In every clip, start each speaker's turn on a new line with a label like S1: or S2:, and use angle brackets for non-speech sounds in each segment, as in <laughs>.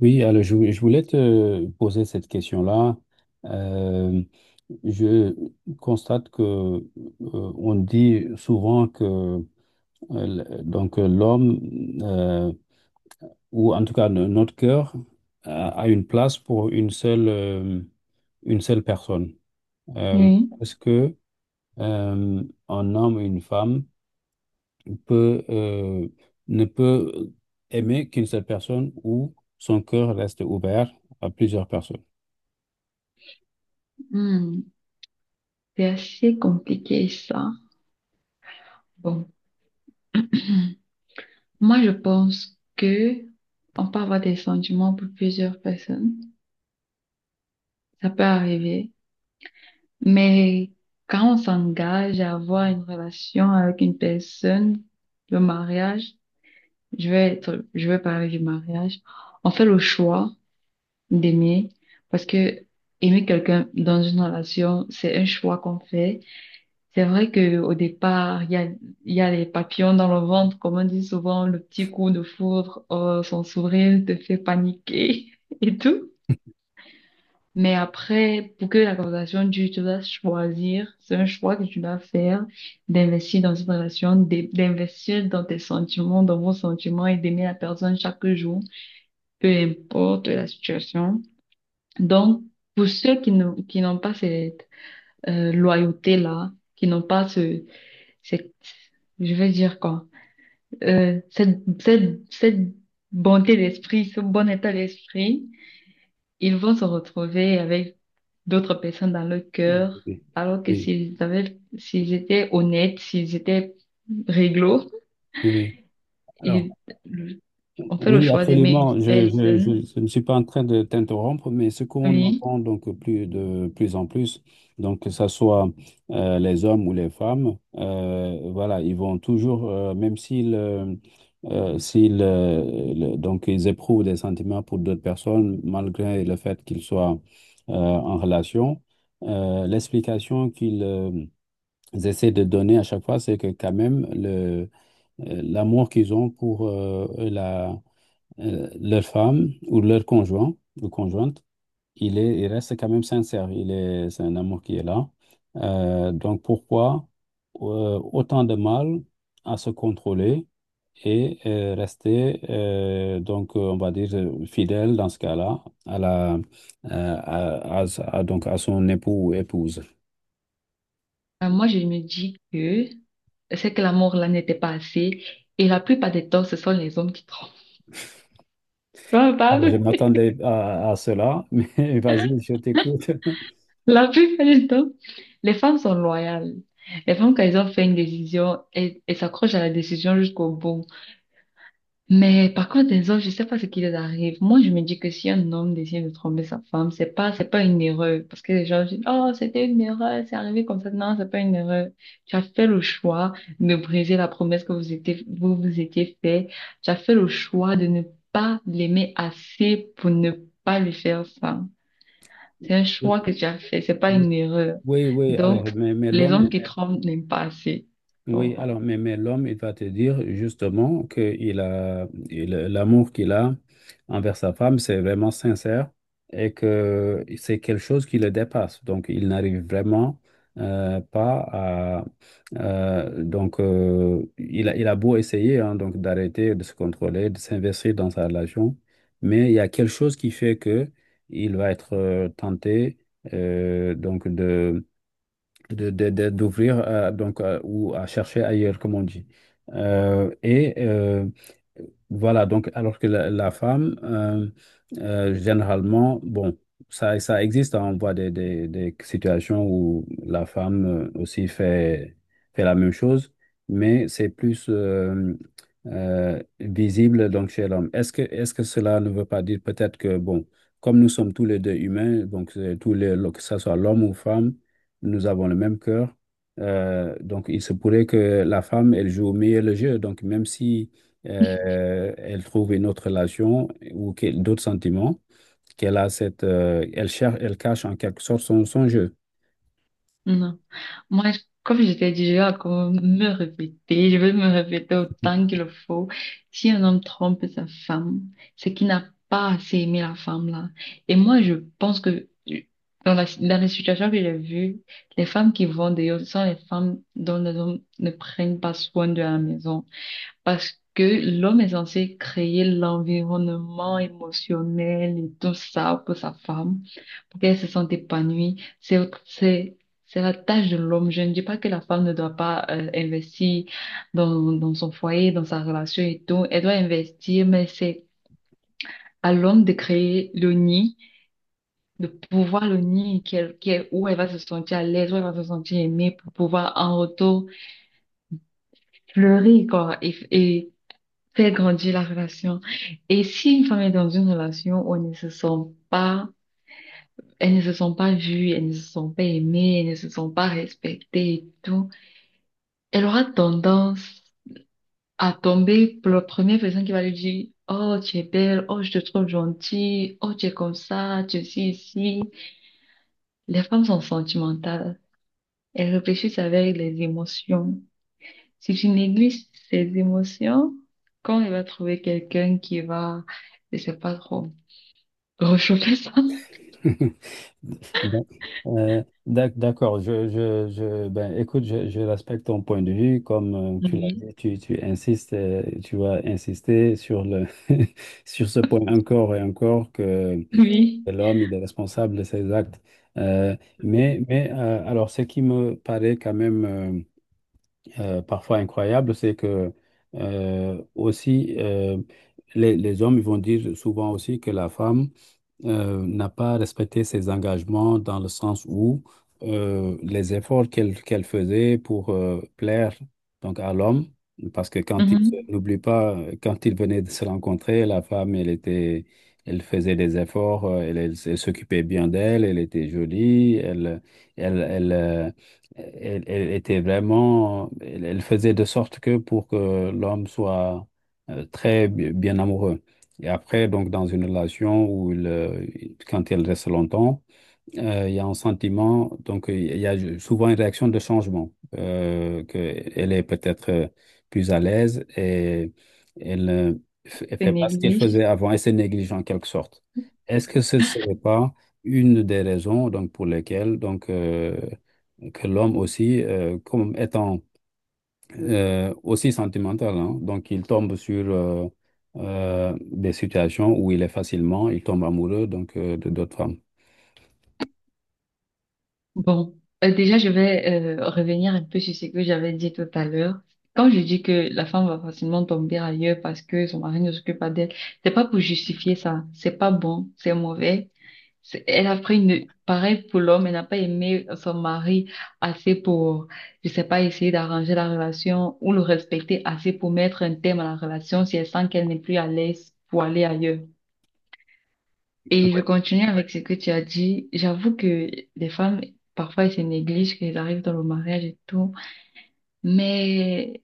S1: Oui, alors je voulais te poser cette question-là. Euh, je constate que on dit souvent que donc l'homme euh, ou en tout cas notre cœur a une place pour une seule personne. Euh,
S2: Oui.
S1: est-ce que euh, un homme ou une femme peut ne peut aimer qu'une seule personne ou son cœur reste ouvert à plusieurs personnes?
S2: Hmm, c'est assez compliqué ça. Bon, moi je pense que on peut avoir des sentiments pour plusieurs personnes. Ça peut arriver. Mais quand on s'engage à avoir une relation avec une personne, le mariage, je vais parler du mariage. On fait le choix d'aimer, parce que aimer quelqu'un dans une relation, c'est un choix qu'on fait. C'est vrai que au départ, il y a les papillons dans le ventre, comme on dit souvent, le petit coup de foudre, son sourire te fait paniquer <laughs> et tout. Mais après, pour que la conversation dure, tu dois choisir, c'est un choix que tu dois faire d'investir dans cette relation, d'investir dans tes sentiments, dans vos sentiments, et d'aimer la personne chaque jour, peu importe la situation. Donc, pour ceux qui n'ont pas cette loyauté-là, qui n'ont pas ce cette, je vais dire quoi, cette, cette, cette bonté d'esprit, ce bon état d'esprit, ils vont se retrouver avec d'autres personnes dans leur
S1: Oui,
S2: cœur, alors que
S1: oui,
S2: s'ils avaient, s'ils étaient honnêtes, s'ils étaient réglo,
S1: oui. Alors,
S2: ils, le- on fait le
S1: oui,
S2: choix d'aimer une
S1: absolument.
S2: personne.
S1: Je ne suis pas en train de t'interrompre, mais ce qu'on
S2: Oui.
S1: entend donc plus de plus en plus, donc que ce soit les hommes ou les femmes, voilà, ils vont toujours, même s'ils donc ils éprouvent des sentiments pour d'autres personnes, malgré le fait qu'ils soient en relation, l'explication qu'ils essaient de donner à chaque fois, c'est que quand même le l'amour qu'ils ont pour leur femme ou leur conjoint ou conjointe, il reste quand même sincère. C'est un amour qui est là. Donc pourquoi autant de mal à se contrôler et rester, on va dire, fidèle dans ce cas-là à la, à, à- à- donc à son époux ou épouse.
S2: Moi, je me dis que c'est que l'amour là n'était pas assez, et la plupart des temps, ce sont les hommes qui trompent. Tu vois, on
S1: Alors, je
S2: parle.
S1: m'attendais à cela, mais <laughs> vas-y, je t'écoute.
S2: La plupart du temps, les femmes sont loyales. Les femmes, quand elles ont fait une décision, elles s'accrochent à la décision jusqu'au bout. Mais par contre, les hommes, je sais pas ce qui les arrive. Moi, je me dis que si un homme décide de tromper sa femme, c'est pas une erreur. Parce que les gens disent, oh, c'était une erreur, c'est arrivé comme ça. Non, c'est pas une erreur. Tu as fait le choix de briser la promesse que vous vous étiez fait. Tu as fait le choix de ne pas l'aimer assez pour ne pas lui faire ça. C'est un choix que tu as fait, c'est pas une
S1: <laughs>
S2: erreur.
S1: Oui, alors,
S2: Donc,
S1: mais
S2: les hommes
S1: l'homme,
S2: qui trompent n'aiment pas assez. Pour
S1: oui,
S2: moi.
S1: alors, mais l'homme, il va te dire justement que l'amour qu'il a envers sa femme, c'est vraiment sincère et que c'est quelque chose qui le dépasse. Donc, il n'arrive vraiment pas à. Il a beau essayer hein, donc d'arrêter de se contrôler, de s'investir dans sa relation, mais il y a quelque chose qui fait que il va être tenté donc d'ouvrir ou à chercher ailleurs, comme on dit. Euh, et euh, voilà, donc alors que la femme, généralement, bon, ça existe, hein, on voit des situations où la femme aussi fait la même chose, mais c'est plus visible donc chez l'homme. Est-ce que cela ne veut pas dire peut-être que, bon, comme nous sommes tous les deux humains, donc tous les, que ce soit l'homme ou femme, nous avons le même cœur. Donc, il se pourrait que la femme, elle joue au mieux le jeu. Donc, même si elle trouve une autre relation ou d'autres sentiments, elle cherche, elle cache en quelque sorte son jeu.
S2: Non. Comme je t'ai dit, je vais encore me répéter, je vais me répéter autant qu'il le faut. Si un homme trompe sa femme, c'est qu'il n'a pas assez aimé la femme là. Et moi, je pense que dans les situations que j'ai vues, les femmes qui vont dehors, ce sont les femmes dont les hommes ne prennent pas soin de la maison. Parce que l'homme est censé créer l'environnement émotionnel et tout ça pour sa femme, pour qu'elle se sente épanouie. C'est, c'est la tâche de l'homme. Je ne dis pas que la femme ne doit pas investir dans son foyer, dans sa relation et tout. Elle doit investir, mais c'est à l'homme de créer le nid, de pouvoir le nid où elle va se sentir à l'aise, où elle va se sentir aimée pour pouvoir en retour fleurir, quoi, et fait grandir la relation. Et si une femme est dans une relation où elle ne se sent pas vue, elle ne se sent pas aimée, elle ne se sent pas respectée et tout, elle aura tendance à tomber pour la première personne qui va lui dire, oh, tu es belle, oh, je te trouve gentille, oh, tu es comme ça, tu es ci, ici. Les femmes sont sentimentales. Elles réfléchissent avec les émotions. Si tu négliges ces émotions, quand elle va trouver quelqu'un qui va, je sais pas trop. Réchauffer ça?
S1: <laughs> Bon. D'accord, ben, écoute, je respecte ton point de vue. Comme tu l'as
S2: Oui.
S1: dit, tu insistes, tu vas insister sur le, <laughs> sur ce point encore et encore que
S2: Oui.
S1: c'est l'homme, il est responsable de ses actes. Euh, mais alors, ce qui me paraît quand même parfois incroyable, c'est que euh, aussi, euh, les hommes ils vont dire souvent aussi que la femme n'a pas respecté ses engagements dans le sens où les efforts qu'elle faisait pour plaire donc à l'homme, parce que quand
S2: Mhm.
S1: n'oublie pas, quand ils venaient de se rencontrer, la femme, elle était, elle faisait des efforts, elle s'occupait bien d'elle, elle était jolie, elle, elle, euh, elle était vraiment, elle faisait de sorte que pour que l'homme soit bien amoureux. Et après, donc, dans une relation où quand elle reste longtemps, il y a un sentiment, donc il y a souvent une réaction de changement, qu'elle est peut-être plus à l'aise et elle euh, elle
S2: C'est
S1: fait pas ce qu'elle
S2: négligé.
S1: faisait avant et c'est négligent en quelque sorte. Est-ce que ce ne serait pas une des raisons donc, pour lesquelles donc, que l'homme aussi, comme étant aussi sentimental. Hein. Donc, il tombe sur des situations où il est facilement, il tombe amoureux donc de d'autres femmes.
S2: Bon, déjà, je vais revenir un peu sur ce que j'avais dit tout à l'heure. Quand je dis que la femme va facilement tomber ailleurs parce que son mari ne s'occupe pas d'elle, c'est pas pour justifier ça. C'est pas bon, c'est mauvais. C'est- elle a pris une... Pareil pour l'homme, elle n'a pas aimé son mari assez pour, je sais pas, essayer d'arranger la relation ou le respecter assez pour mettre un terme à la relation si elle sent qu'elle n'est plus à l'aise pour aller ailleurs. Et je continue avec ce que tu as dit. J'avoue que les femmes, parfois, elles se négligent, qu'elles arrivent dans le mariage et tout. Mais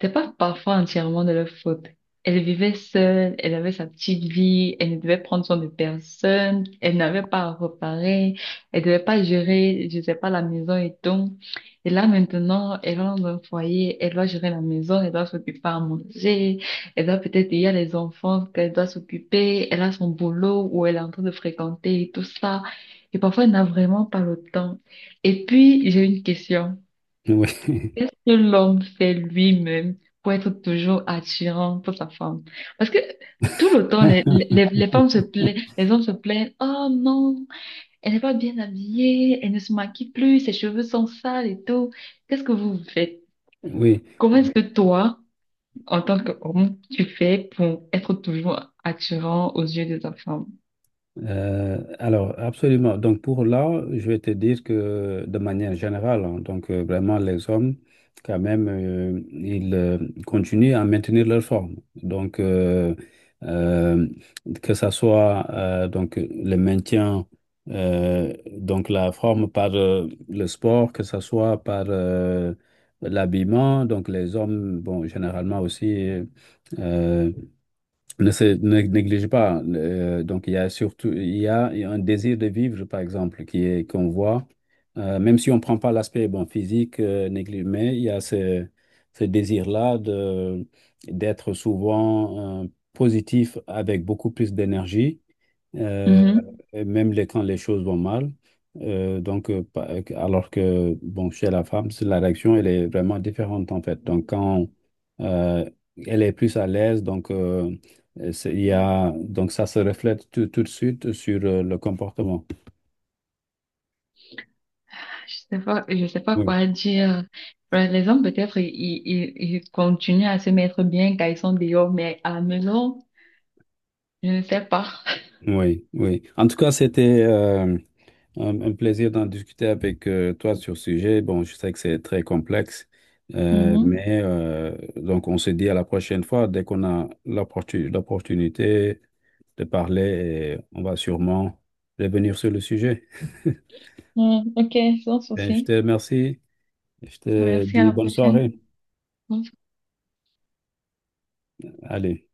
S2: c'était pas parfois entièrement de leur faute. Elle vivait seule, elle avait sa petite vie, elle ne devait prendre soin de personne, elle n'avait pas à reparer, elle devait pas gérer, je sais pas, la maison et tout. Et là, maintenant, elle rentre dans un foyer, elle doit gérer la maison, elle doit s'occuper à manger, il y a les enfants qu'elle doit s'occuper, elle a son boulot où elle est en train de fréquenter et tout ça. Et parfois, elle n'a vraiment pas le temps. Et puis, j'ai une question.
S1: <laughs> Oui.
S2: Qu'est-ce que l'homme fait lui-même pour être toujours attirant pour sa femme? Parce que tout le temps,
S1: <laughs>
S2: les femmes se plaignent, les hommes se plaignent, oh non, elle n'est pas bien habillée, elle ne se maquille plus, ses cheveux sont sales et tout. Qu'est-ce que vous faites?
S1: Oui.
S2: Comment est-ce que toi, en tant qu'homme, tu fais pour être toujours attirant aux yeux de ta femme?
S1: Alors, absolument. Donc, pour là, je vais te dire que de manière générale, hein, donc vraiment, les hommes, quand même, ils continuent à maintenir leur forme. Donc, euh, que ça soit donc le maintien, donc la forme par le sport, que ça soit par l'habillement. Donc, les hommes, bon, généralement aussi. euh, ne négligez pas. Donc, il y a surtout il y a un désir de vivre, par exemple, qui est qu'on voit, même si on ne prend pas l'aspect bon, physique, mais il y a ce désir-là d'être souvent positif avec beaucoup plus d'énergie, euh,
S2: Mhm.
S1: et même quand les choses vont mal. Alors que bon, chez la femme, la réaction, elle est vraiment différente en fait. Donc, quand euh, elle est plus à l'aise, donc. Il y a, donc ça se reflète tout de suite sur le comportement.
S2: Je sais pas
S1: Oui,
S2: quoi dire. Par Les hommes, peut-être, ils continuent à se mettre bien quand ils sont dehors, mais à la maison, je ne sais pas.
S1: oui, oui. En tout cas, c'était un plaisir d'en discuter avec toi sur ce sujet. Bon, je sais que c'est très complexe,
S2: Mhm.
S1: donc on se dit à la prochaine fois, dès qu'on a l'opportunité de parler, et on va sûrement revenir sur le sujet. <laughs>
S2: Ouais, ok, sans
S1: Ben, je
S2: souci.
S1: te remercie. Je te
S2: Merci, à
S1: dis
S2: la
S1: bonne
S2: prochaine.
S1: soirée.
S2: Bonne
S1: Allez.